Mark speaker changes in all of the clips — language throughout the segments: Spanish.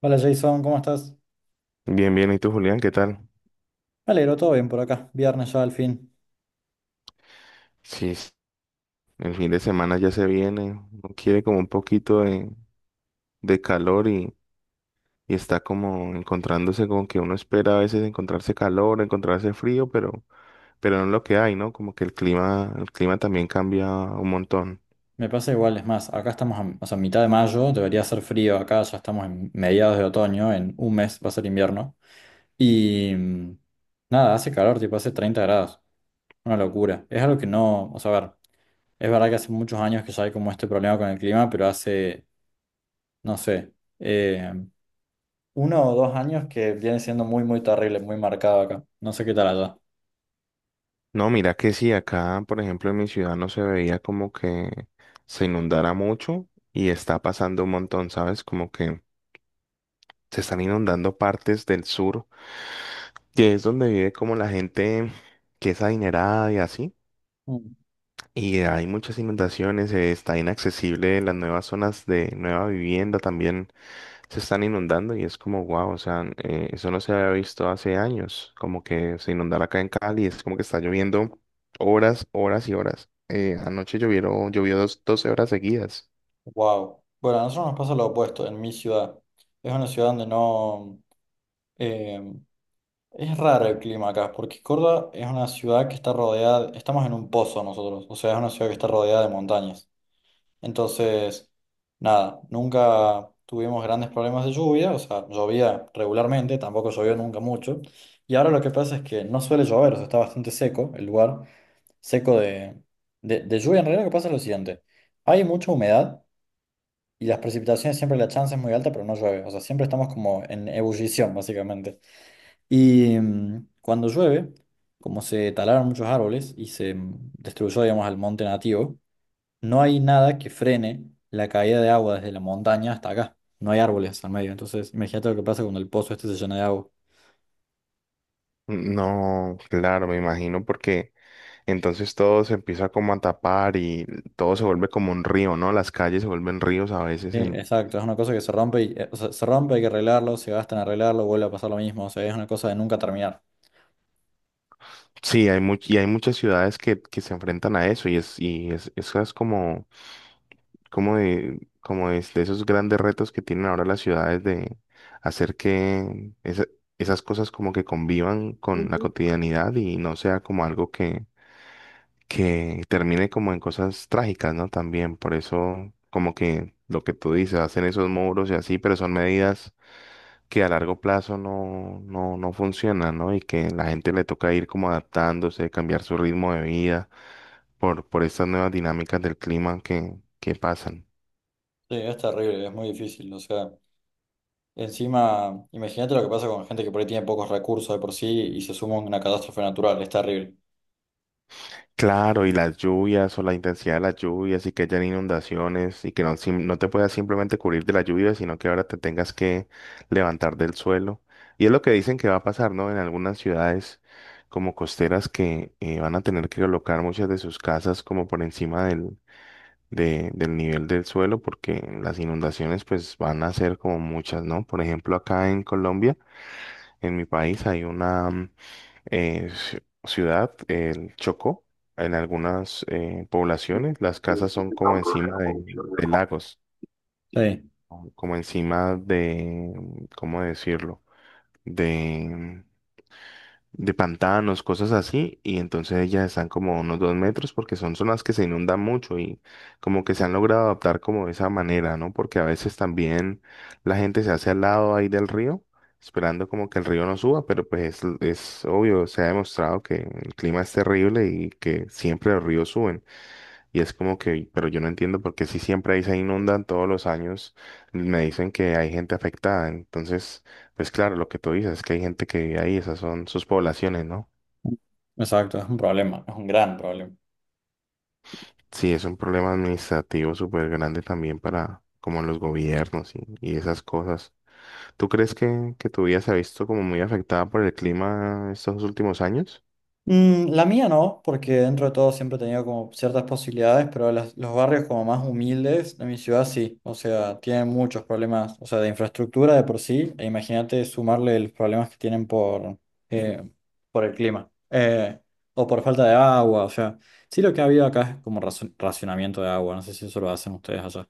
Speaker 1: Hola Jason, ¿cómo estás?
Speaker 2: Bien, bien. ¿Y tú, Julián? ¿Qué tal?
Speaker 1: Me alegro, todo bien por acá. Viernes ya al fin.
Speaker 2: Sí, sí, el fin de semana ya se viene. Uno quiere como un poquito de calor y está como encontrándose con que uno espera a veces encontrarse calor, encontrarse frío, pero no es lo que hay, ¿no? Como que el clima también cambia un montón.
Speaker 1: Me pasa igual, es más, acá estamos a, o sea, mitad de mayo, debería ser frío, acá ya estamos en mediados de otoño, en un mes va a ser invierno. Y nada, hace calor, tipo hace 30 grados. Una locura. Es algo que no, o sea, a ver, es verdad que hace muchos años que ya hay como este problema con el clima, pero hace, no sé, eh, uno o dos años que viene siendo muy, muy terrible, muy marcado acá. No sé qué tal allá.
Speaker 2: No, mira que sí, acá, por ejemplo, en mi ciudad no se veía como que se inundara mucho y está pasando un montón, ¿sabes? Como que se están inundando partes del sur que es donde vive como la gente que es adinerada y así. Y hay muchas inundaciones, está inaccesible las nuevas zonas de nueva vivienda también se están inundando y es como wow, o sea, eso no se había visto hace años, como que se inundara acá en Cali, es como que está lloviendo horas, horas y horas. Anoche llovió 12 horas seguidas.
Speaker 1: Wow. Bueno, a nosotros nos pasa lo opuesto en mi ciudad. Es una ciudad donde no... eh, es raro el clima acá, porque Córdoba es una ciudad que está rodeada... Estamos en un pozo nosotros, o sea, es una ciudad que está rodeada de montañas. Entonces, nada, nunca tuvimos grandes problemas de lluvia, o sea, llovía regularmente, tampoco llovió nunca mucho. Y ahora lo que pasa es que no suele llover, o sea, está bastante seco el lugar, seco de, de lluvia. En realidad lo que pasa es lo siguiente, hay mucha humedad. Y las precipitaciones siempre la chance es muy alta, pero no llueve. O sea, siempre estamos como en ebullición, básicamente. Y cuando llueve, como se talaron muchos árboles y se destruyó, digamos, al monte nativo, no hay nada que frene la caída de agua desde la montaña hasta acá. No hay árboles al medio. Entonces, imagínate lo que pasa cuando el pozo este se llena de agua.
Speaker 2: No, claro, me imagino porque entonces todo se empieza como a tapar y todo se vuelve como un río, ¿no? Las calles se vuelven ríos a veces.
Speaker 1: Sí,
Speaker 2: En.
Speaker 1: exacto. Es una cosa que se rompe y, o sea, se rompe, hay que arreglarlo, se gasta en arreglarlo, vuelve a pasar lo mismo. O sea, es una cosa de nunca terminar.
Speaker 2: Sí, y hay muchas ciudades que se enfrentan a eso eso es como es de esos grandes retos que tienen ahora las ciudades de hacer que esas cosas como que convivan con la cotidianidad y no sea como algo que termine como en cosas trágicas, ¿no? También, por eso como que lo que tú dices, hacen esos muros y así, pero son medidas que a largo plazo no funciona, ¿no? Y que la gente le toca ir como adaptándose, cambiar su ritmo de vida por estas nuevas dinámicas del clima que pasan.
Speaker 1: Sí, es terrible, es muy difícil. O sea. Encima, imagínate lo que pasa con gente que por ahí tiene pocos recursos de por sí y se suma una catástrofe natural, es terrible.
Speaker 2: Claro, y las lluvias o la intensidad de las lluvias y que hayan inundaciones y que no, no te puedas simplemente cubrir de la lluvia, sino que ahora te tengas que levantar del suelo. Y es lo que dicen que va a pasar, ¿no? En algunas ciudades como costeras que van a tener que colocar muchas de sus casas como por encima del nivel del suelo porque las inundaciones pues van a ser como muchas, ¿no? Por ejemplo, acá en Colombia, en mi país, hay una ciudad, el Chocó, en algunas poblaciones las casas son como encima de lagos,
Speaker 1: Sí.
Speaker 2: o como encima de, ¿cómo decirlo? De mm, de pantanos, cosas así, y entonces ellas están como a unos 2 metros porque son zonas que se inundan mucho y como que se han logrado adaptar como de esa manera, ¿no? Porque a veces también la gente se hace al lado ahí del río, esperando como que el río no suba, pero pues es, obvio, se ha demostrado que el clima es terrible y que siempre los ríos suben. Y es como que, pero yo no entiendo por qué si siempre ahí se inundan todos los años, me dicen que hay gente afectada. Entonces, pues claro, lo que tú dices es que hay gente que vive ahí, esas son sus poblaciones, ¿no?
Speaker 1: Exacto, es un problema, es un gran problema.
Speaker 2: Sí, es un problema administrativo súper grande también para como los gobiernos y esas cosas. ¿Tú crees que tu vida se ha visto como muy afectada por el clima estos últimos años?
Speaker 1: Mm, la mía no, porque dentro de todo siempre he tenido como ciertas posibilidades, pero los barrios como más humildes de mi ciudad sí, o sea, tienen muchos problemas, o sea, de infraestructura de por sí, e imagínate sumarle los problemas que tienen eh, por el clima, o por falta de agua, o sea, sí lo que ha habido acá es como racionamiento de agua, no sé si eso lo hacen ustedes allá.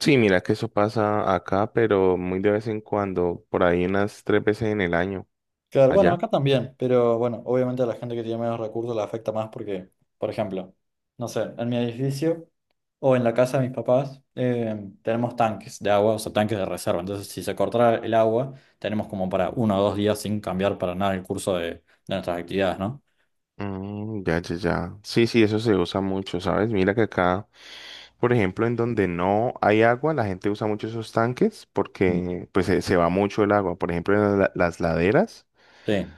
Speaker 2: Sí, mira que eso pasa acá, pero muy de vez en cuando, por ahí unas tres veces en el año,
Speaker 1: Claro, bueno,
Speaker 2: allá.
Speaker 1: acá también, pero bueno, obviamente a la gente que tiene menos recursos la afecta más porque, por ejemplo, no sé, en mi edificio o en la casa de mis papás tenemos tanques de agua, o sea, tanques de reserva. Entonces, si se cortara el agua, tenemos como para uno o dos días sin cambiar para nada el curso de nuestras actividades, ¿no?
Speaker 2: Mm, ya, ya, ya. Sí, sí, eso se usa mucho, ¿sabes? Mira que acá, por ejemplo, en donde no hay agua, la gente usa mucho esos tanques
Speaker 1: Mm.
Speaker 2: porque pues se, va mucho el agua. Por ejemplo, en las laderas
Speaker 1: Sí.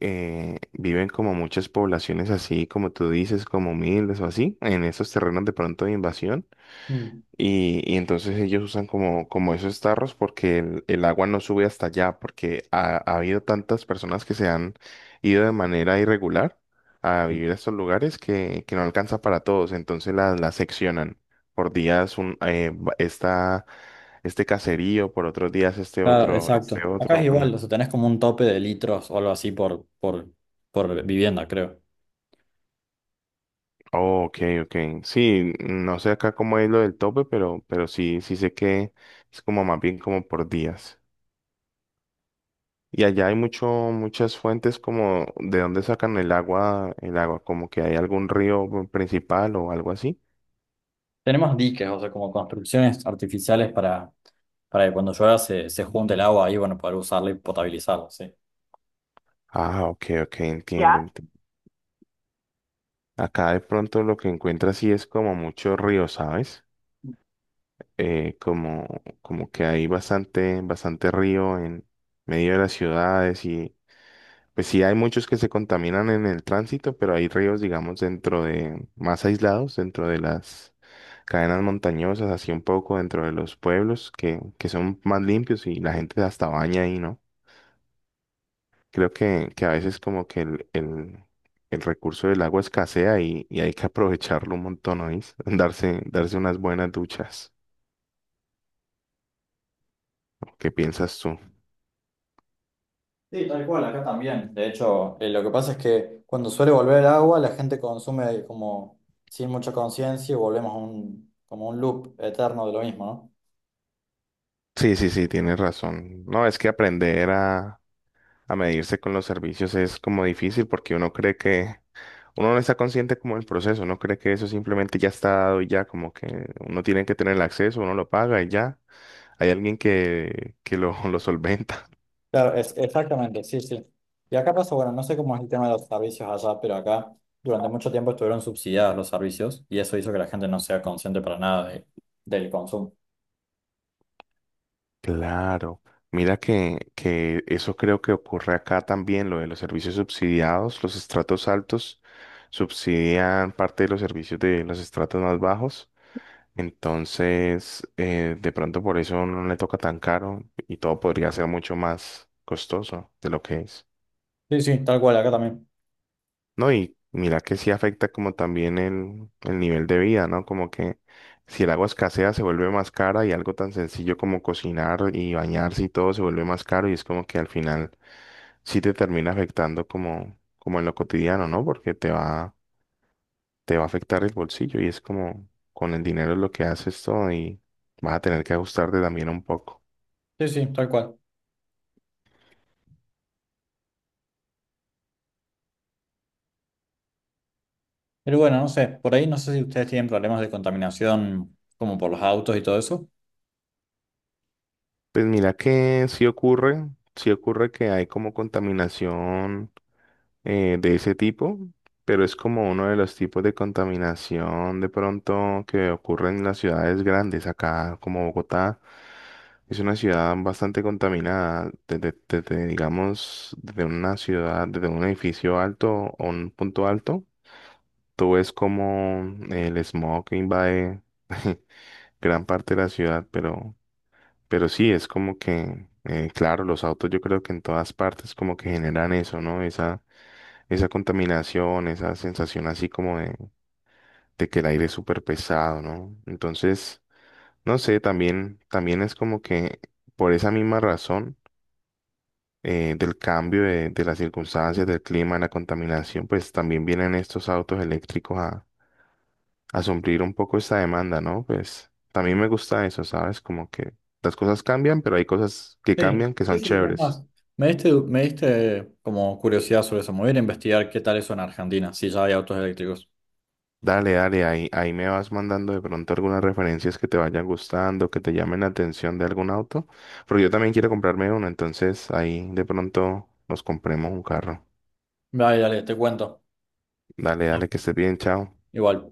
Speaker 2: viven como muchas poblaciones así, como tú dices, como miles o así, en esos terrenos de pronto de invasión.
Speaker 1: Mm.
Speaker 2: Y entonces ellos usan como esos tarros porque el, agua no sube hasta allá, porque ha habido tantas personas que se han ido de manera irregular a
Speaker 1: Sí.
Speaker 2: vivir a estos lugares que no alcanza para todos, entonces las seccionan. Por días está este caserío, por otros días este
Speaker 1: Claro,
Speaker 2: otro,
Speaker 1: exacto.
Speaker 2: este
Speaker 1: Acá
Speaker 2: otro.
Speaker 1: es igual, o sea,
Speaker 2: Ujú.
Speaker 1: tenés como un tope de litros o algo así por, por vivienda, creo.
Speaker 2: Oh, ok, ok. Sí, no sé acá cómo es lo del tope, pero sí, sí sé que es como más bien como por días. Y allá hay muchas fuentes como de dónde sacan el agua, como que hay algún río principal o algo así.
Speaker 1: Tenemos diques, o sea, como construcciones artificiales para que cuando llueva se junte el agua ahí, bueno, poder usarla y potabilizarla, sí.
Speaker 2: Ah, ok, ok, entiendo, entiendo. Acá de pronto lo que encuentras sí es como mucho río, ¿sabes? Eh, como, como que hay bastante, bastante río en medio de las ciudades. Pues sí, hay muchos que se contaminan en el tránsito, pero hay ríos, digamos, más aislados, dentro de las cadenas montañosas, así un poco dentro de los pueblos, que son más limpios y la gente hasta baña ahí, ¿no? Creo que a veces como que el, recurso del agua escasea y hay que aprovecharlo un montón, ¿oís? Darse unas buenas duchas. ¿Qué piensas tú?
Speaker 1: Sí, tal cual, acá también. De hecho, lo que pasa es que cuando suele volver el agua, la gente consume como sin mucha conciencia y volvemos a un, como un loop eterno de lo mismo, ¿no?
Speaker 2: Sí, sí, sí, tienes razón. No, es que aprender a medirse con los servicios es como difícil porque uno cree que. Uno no está consciente como del proceso, no cree que eso simplemente ya está dado y ya, como que uno tiene que tener el acceso, uno lo paga y ya. Hay alguien que lo, lo solventa.
Speaker 1: Claro, es, exactamente, sí, sí. Y acá pasa, bueno, no sé cómo es el tema de los servicios allá, pero acá durante mucho tiempo estuvieron subsidiados los servicios y eso hizo que la gente no sea consciente para nada del consumo.
Speaker 2: Claro. Mira que eso creo que ocurre acá también, lo de los servicios subsidiados. Los estratos altos subsidian parte de los servicios de los estratos más bajos. Entonces, de pronto por eso no le toca tan caro y todo podría ser mucho más costoso de lo que es.
Speaker 1: Sí, sí, tal cual, acá también.
Speaker 2: No, y mira que sí afecta como también el, nivel de vida, ¿no? Como que si el agua escasea se vuelve más cara y algo tan sencillo como cocinar y bañarse y todo se vuelve más caro y es como que al final sí te termina afectando como, en lo cotidiano, ¿no? Porque te va a afectar el bolsillo y es como con el dinero es lo que haces todo y vas a tener que ajustarte también un poco.
Speaker 1: Sí, sí, tal cual. Pero bueno, no sé, por ahí no sé si ustedes tienen problemas de contaminación como por los autos y todo eso.
Speaker 2: Pues mira que sí ocurre que hay como contaminación de ese tipo, pero es como uno de los tipos de contaminación de pronto que ocurre en las ciudades grandes. Acá, como Bogotá, es una ciudad bastante contaminada. Desde, digamos, desde una ciudad, desde un edificio alto o un punto alto, tú ves como el smog invade gran parte de la ciudad, pero sí, es como que. Claro, los autos yo creo que en todas partes como que generan eso, ¿no? Esa contaminación, esa sensación así como de, que el aire es súper pesado, ¿no? Entonces, no sé, también, también es como que por esa misma razón del cambio de, las circunstancias, del clima, la contaminación, pues también vienen estos autos eléctricos a suplir un poco esta demanda, ¿no? Pues también me gusta eso, ¿sabes? Como que las cosas cambian, pero hay cosas que
Speaker 1: Sí,
Speaker 2: cambian que
Speaker 1: sí,
Speaker 2: son
Speaker 1: sí, es
Speaker 2: chéveres.
Speaker 1: más. Me diste como curiosidad sobre eso. Me voy a ir a investigar qué tal eso en Argentina, si ya hay autos eléctricos.
Speaker 2: Dale, dale, ahí me vas mandando de pronto algunas referencias que te vayan gustando, que te llamen la atención de algún auto, porque yo también quiero comprarme uno, entonces ahí de pronto nos compremos un carro.
Speaker 1: Dale, dale, te cuento.
Speaker 2: Dale, dale, que estés bien, chao.
Speaker 1: Igual.